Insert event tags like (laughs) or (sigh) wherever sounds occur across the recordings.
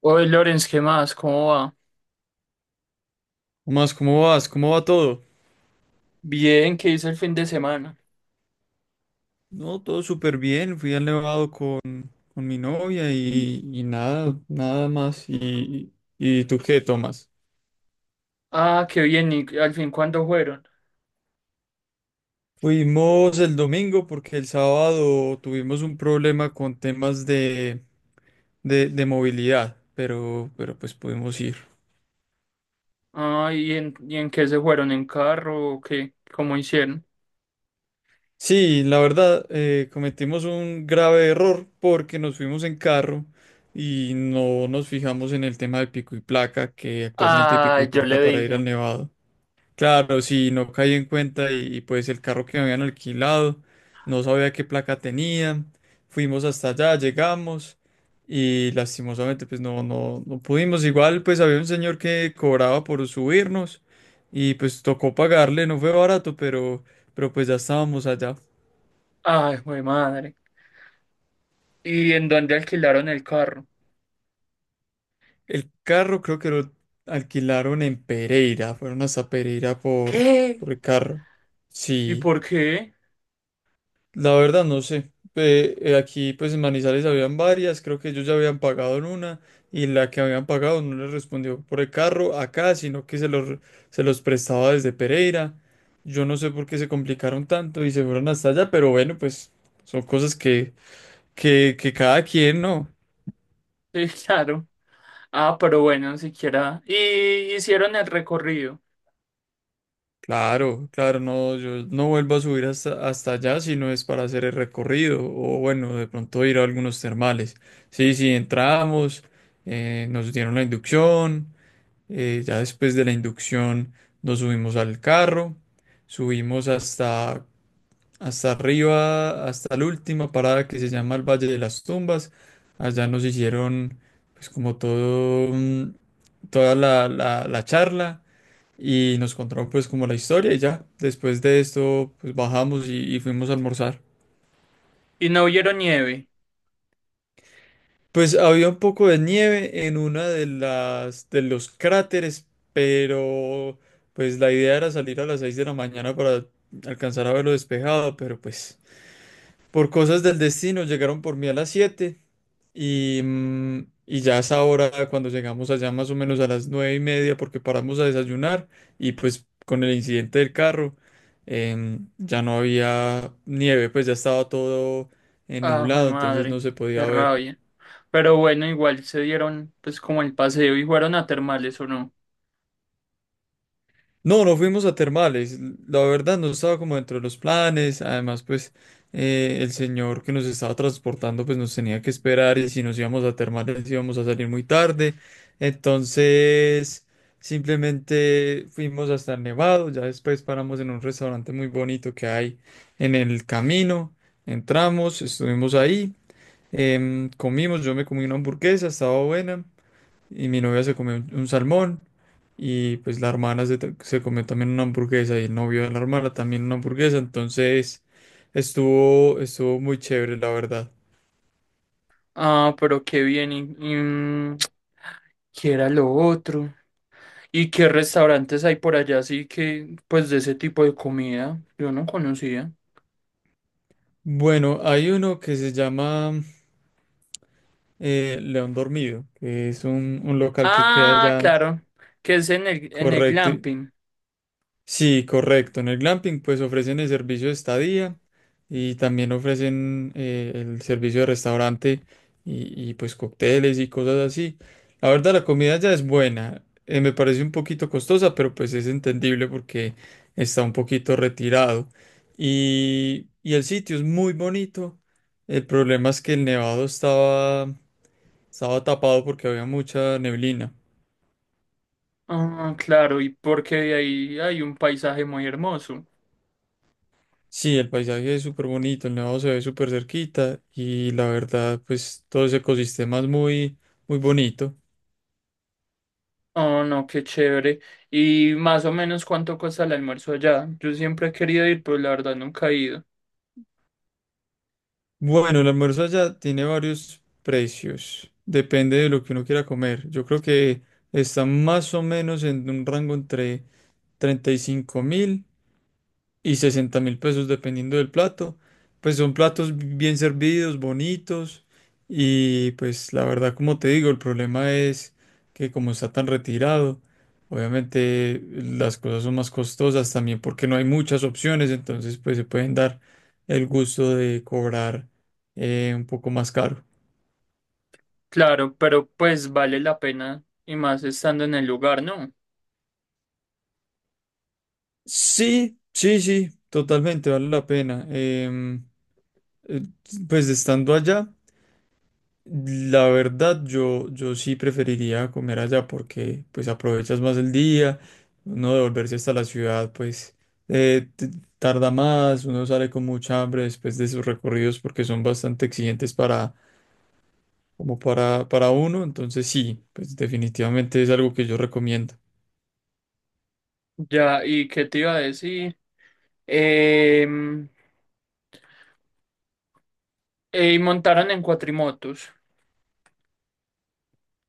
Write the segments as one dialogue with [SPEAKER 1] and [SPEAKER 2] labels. [SPEAKER 1] Oye, Lorenz, ¿qué más? ¿Cómo va?
[SPEAKER 2] Más, ¿cómo vas? ¿Cómo va todo?
[SPEAKER 1] Bien, ¿qué hizo el fin de semana?
[SPEAKER 2] No, todo súper bien. Fui al Nevado con mi novia y nada más. ¿Y tú qué, Tomás?
[SPEAKER 1] Ah, qué bien, ¿y al fin cuándo fueron?
[SPEAKER 2] Fuimos el domingo porque el sábado tuvimos un problema con temas de movilidad, pero pues pudimos ir.
[SPEAKER 1] Ah, ¿y en qué se fueron? ¿En carro o qué? ¿Cómo hicieron?
[SPEAKER 2] Sí, la verdad, cometimos un grave error porque nos fuimos en carro y no nos fijamos en el tema de pico y placa, que actualmente hay pico
[SPEAKER 1] Ah,
[SPEAKER 2] y
[SPEAKER 1] yo le
[SPEAKER 2] placa para ir al
[SPEAKER 1] dije.
[SPEAKER 2] Nevado. Claro, sí, no caí en cuenta pues el carro que me habían alquilado, no sabía qué placa tenía, fuimos hasta allá, llegamos y lastimosamente pues no pudimos, igual pues había un señor que cobraba por subirnos y pues tocó pagarle, no fue barato, pero pues ya estábamos allá.
[SPEAKER 1] Ay, güey, madre. ¿Y en dónde alquilaron el carro?
[SPEAKER 2] El carro creo que lo alquilaron en Pereira, fueron hasta Pereira por,
[SPEAKER 1] ¿Qué?
[SPEAKER 2] por el carro,
[SPEAKER 1] ¿Y
[SPEAKER 2] sí.
[SPEAKER 1] por qué?
[SPEAKER 2] La verdad no sé. Aquí pues en Manizales habían varias, creo que ellos ya habían pagado en una y la que habían pagado no les respondió por el carro acá, sino que se los prestaba desde Pereira. Yo no sé por qué se complicaron tanto y se fueron hasta allá, pero bueno, pues son cosas que cada quien, ¿no?
[SPEAKER 1] (laughs) Sí, claro. Ah, pero bueno, siquiera. Y hicieron el recorrido.
[SPEAKER 2] Claro, claro, no, yo no vuelvo a subir hasta allá si no es para hacer el recorrido o bueno, de pronto ir a algunos termales. Sí, sí, entramos, nos dieron la inducción, ya después de la inducción nos subimos al carro, subimos hasta arriba, hasta la última parada que se llama el Valle de las Tumbas. Allá nos hicieron pues como todo, toda la charla y nos contaron pues como la historia y ya. Después de esto pues bajamos y fuimos a almorzar.
[SPEAKER 1] Y no vieron nieve.
[SPEAKER 2] Pues había un poco de nieve en una de las de los cráteres, pero pues la idea era salir a las 6 de la mañana para alcanzar a verlo despejado, pero pues por cosas del destino, llegaron por mí a las 7 y, mm, y ya a esa hora, cuando llegamos allá más o menos a las 9:30, porque paramos a desayunar y pues con el incidente del carro ya no había nieve, pues ya estaba todo
[SPEAKER 1] Ah, güey,
[SPEAKER 2] nublado, entonces no
[SPEAKER 1] madre.
[SPEAKER 2] se
[SPEAKER 1] Qué
[SPEAKER 2] podía ver.
[SPEAKER 1] rabia. Pero bueno, igual se dieron pues como el paseo y fueron a termales o no.
[SPEAKER 2] No, no fuimos a termales. La verdad no estaba como dentro de los planes. Además, pues el señor que nos estaba transportando pues nos tenía que esperar y si nos íbamos a termales íbamos a salir muy tarde. Entonces, simplemente fuimos hasta el Nevado. Ya después paramos en un restaurante muy bonito que hay en el camino. Entramos, estuvimos ahí, comimos, yo me comí una hamburguesa, estaba buena y mi novia se comió un salmón y pues la hermana se comió también una hamburguesa y el novio de la hermana también una hamburguesa, entonces estuvo muy chévere, la verdad.
[SPEAKER 1] Ah, pero qué bien. ¿Y, (tsk) ¿qué era lo otro? ¿Y qué restaurantes hay por allá así que pues de ese tipo de comida? Yo no conocía.
[SPEAKER 2] Bueno, hay uno que se llama León Dormido, que es un local que queda
[SPEAKER 1] Ah,
[SPEAKER 2] allá
[SPEAKER 1] claro, que es en el
[SPEAKER 2] correcto.
[SPEAKER 1] glamping.
[SPEAKER 2] Sí, correcto. En el glamping pues ofrecen el servicio de estadía y también ofrecen el servicio de restaurante pues cócteles y cosas así. La verdad la comida ya es buena. Me parece un poquito costosa, pero pues es entendible porque está un poquito retirado. Y el sitio es muy bonito. El problema es que el nevado estaba tapado porque había mucha neblina.
[SPEAKER 1] Ah, claro, y porque de ahí hay un paisaje muy hermoso.
[SPEAKER 2] Sí, el paisaje es súper bonito, el nevado se ve súper cerquita y la verdad, pues todo ese ecosistema es muy, muy bonito.
[SPEAKER 1] Oh, no, qué chévere. ¿Y más o menos cuánto cuesta el almuerzo allá? Yo siempre he querido ir, pero la verdad nunca he ido.
[SPEAKER 2] Bueno, el almuerzo allá tiene varios precios, depende de lo que uno quiera comer. Yo creo que está más o menos en un rango entre 35 mil y 60.000 pesos dependiendo del plato. Pues son platos bien servidos, bonitos y pues la verdad como te digo, el problema es que como está tan retirado, obviamente las cosas son más costosas también porque no hay muchas opciones, entonces pues se pueden dar el gusto de cobrar un poco más caro.
[SPEAKER 1] Claro, pero pues vale la pena y más estando en el lugar, ¿no?
[SPEAKER 2] Sí, sí, sí, totalmente vale la pena. Eh, pues estando allá. La verdad, yo sí preferiría comer allá porque pues aprovechas más el día, uno devolverse hasta la ciudad pues eh, t- tarda más, uno sale con mucha hambre después de esos recorridos porque son bastante exigentes para, como para uno, entonces sí, pues definitivamente es algo que yo recomiendo.
[SPEAKER 1] Ya, ¿y qué te iba a decir? Em, y montaron en cuatrimotos.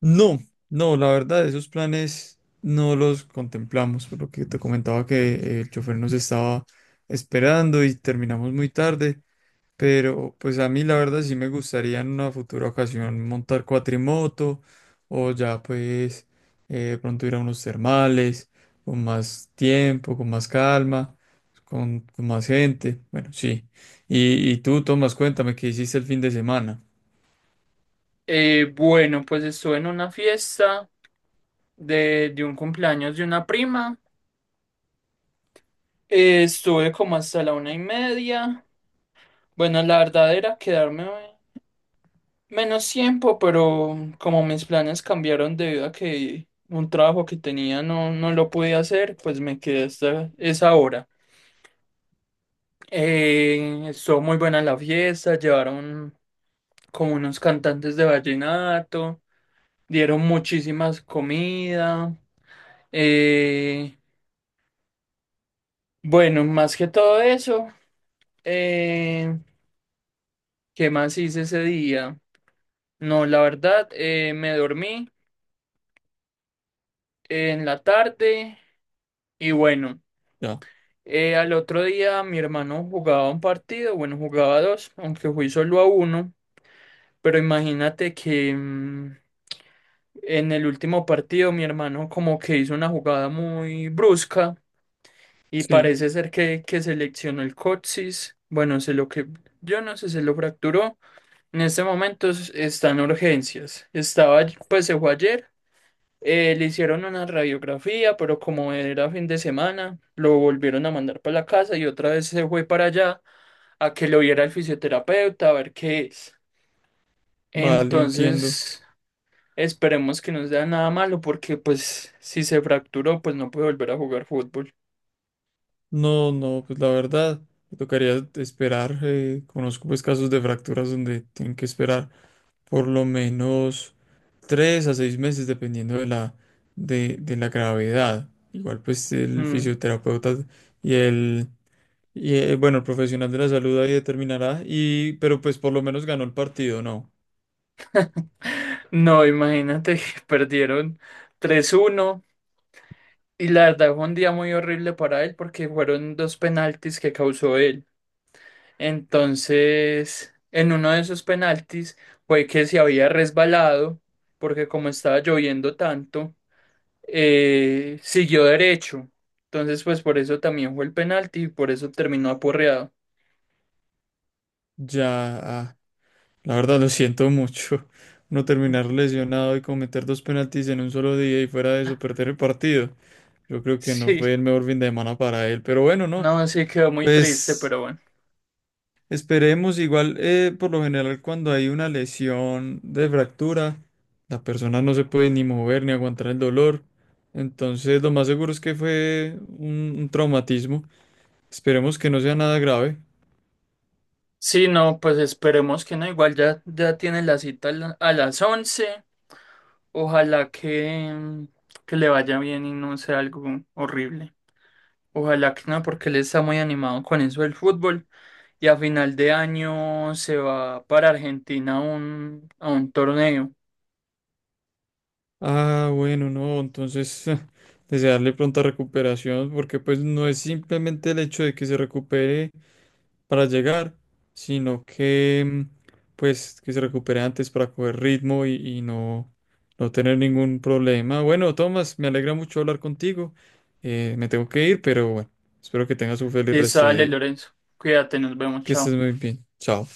[SPEAKER 2] No, no, la verdad, esos planes no los contemplamos, por lo que te comentaba que el chofer nos estaba esperando y terminamos muy tarde. Pero pues a mí la verdad sí me gustaría en una futura ocasión montar cuatrimoto o ya pues de pronto ir a unos termales con más tiempo, con más calma, con más gente. Bueno, sí. Y tú, Tomás, cuéntame qué hiciste el fin de semana.
[SPEAKER 1] Bueno, pues estuve en una fiesta de un cumpleaños de una prima. Estuve como hasta la 1:30. Bueno, la verdad era quedarme menos tiempo, pero como mis planes cambiaron debido a que un trabajo que tenía no, no lo pude hacer, pues me quedé hasta esa hora. Estuvo muy buena la fiesta, llevaron como unos cantantes de vallenato, dieron muchísimas comida. eh, bueno, más que todo eso, eh, ¿qué más hice ese día? No, la verdad, me dormí en la tarde y bueno,
[SPEAKER 2] Ya.
[SPEAKER 1] al otro día mi hermano jugaba un partido, bueno, jugaba dos, aunque fui solo a uno, pero imagínate que, en el último partido, mi hermano como que hizo una jugada muy brusca y
[SPEAKER 2] Sí,
[SPEAKER 1] parece ser que se leccionó el coxis. Bueno, se lo que yo no sé, se lo fracturó. En este momento está en urgencias. Estaba, pues se fue ayer. Le hicieron una radiografía, pero como era fin de semana, lo volvieron a mandar para la casa y otra vez se fue para allá a que lo viera el fisioterapeuta, a ver qué es.
[SPEAKER 2] vale, entiendo.
[SPEAKER 1] Entonces. Esperemos que no sea nada malo porque pues si se fracturó pues no puede volver a jugar fútbol.
[SPEAKER 2] No, no, pues la verdad, me tocaría esperar. Conozco pues casos de fracturas donde tienen que esperar por lo menos 3 a 6 meses, dependiendo de la gravedad. Igual, pues el
[SPEAKER 1] Mm.
[SPEAKER 2] fisioterapeuta y el, bueno, el profesional de la salud ahí determinará, pero pues por lo menos ganó el partido, ¿no?
[SPEAKER 1] No, imagínate que (laughs) perdieron 3-1 y la verdad fue un día muy horrible para él porque fueron dos penaltis que causó él. Entonces, en uno de esos penaltis fue que se había resbalado porque como estaba lloviendo tanto, siguió derecho. Entonces, pues por eso también fue el penalti y por eso terminó aporreado.
[SPEAKER 2] Ya, ah, la verdad lo siento mucho. (laughs) No terminar
[SPEAKER 1] (laughs)
[SPEAKER 2] lesionado y cometer dos penaltis en un solo día y fuera de eso perder el partido. Yo creo que no
[SPEAKER 1] Sí.
[SPEAKER 2] fue el mejor fin de semana para él, pero bueno, no.
[SPEAKER 1] No, sí quedó muy triste,
[SPEAKER 2] Pues
[SPEAKER 1] pero bueno.
[SPEAKER 2] esperemos, igual, por lo general, cuando hay una lesión de fractura, la persona no se puede ni mover ni aguantar el dolor. Entonces, lo más seguro es que fue un traumatismo. Esperemos que no sea nada grave.
[SPEAKER 1] Sí, no, pues esperemos que no. Igual ya, ya tiene la cita a a las 11. Ojalá que le vaya bien y no sea algo horrible. Ojalá que no, porque él está muy animado con eso del fútbol. Y a final de año se va para Argentina a un torneo.
[SPEAKER 2] Ah, bueno, no, entonces (laughs) desearle pronta recuperación, porque pues no es simplemente el hecho de que se recupere para llegar, sino que pues que se recupere antes para coger ritmo y no tener ningún problema. Bueno, Tomás, me alegra mucho hablar contigo. Me tengo que ir, pero bueno, espero que tengas un feliz
[SPEAKER 1] Y
[SPEAKER 2] resto de
[SPEAKER 1] sale
[SPEAKER 2] día.
[SPEAKER 1] Lorenzo. Cuídate, nos vemos,
[SPEAKER 2] Que estés
[SPEAKER 1] chao.
[SPEAKER 2] muy bien. Chao.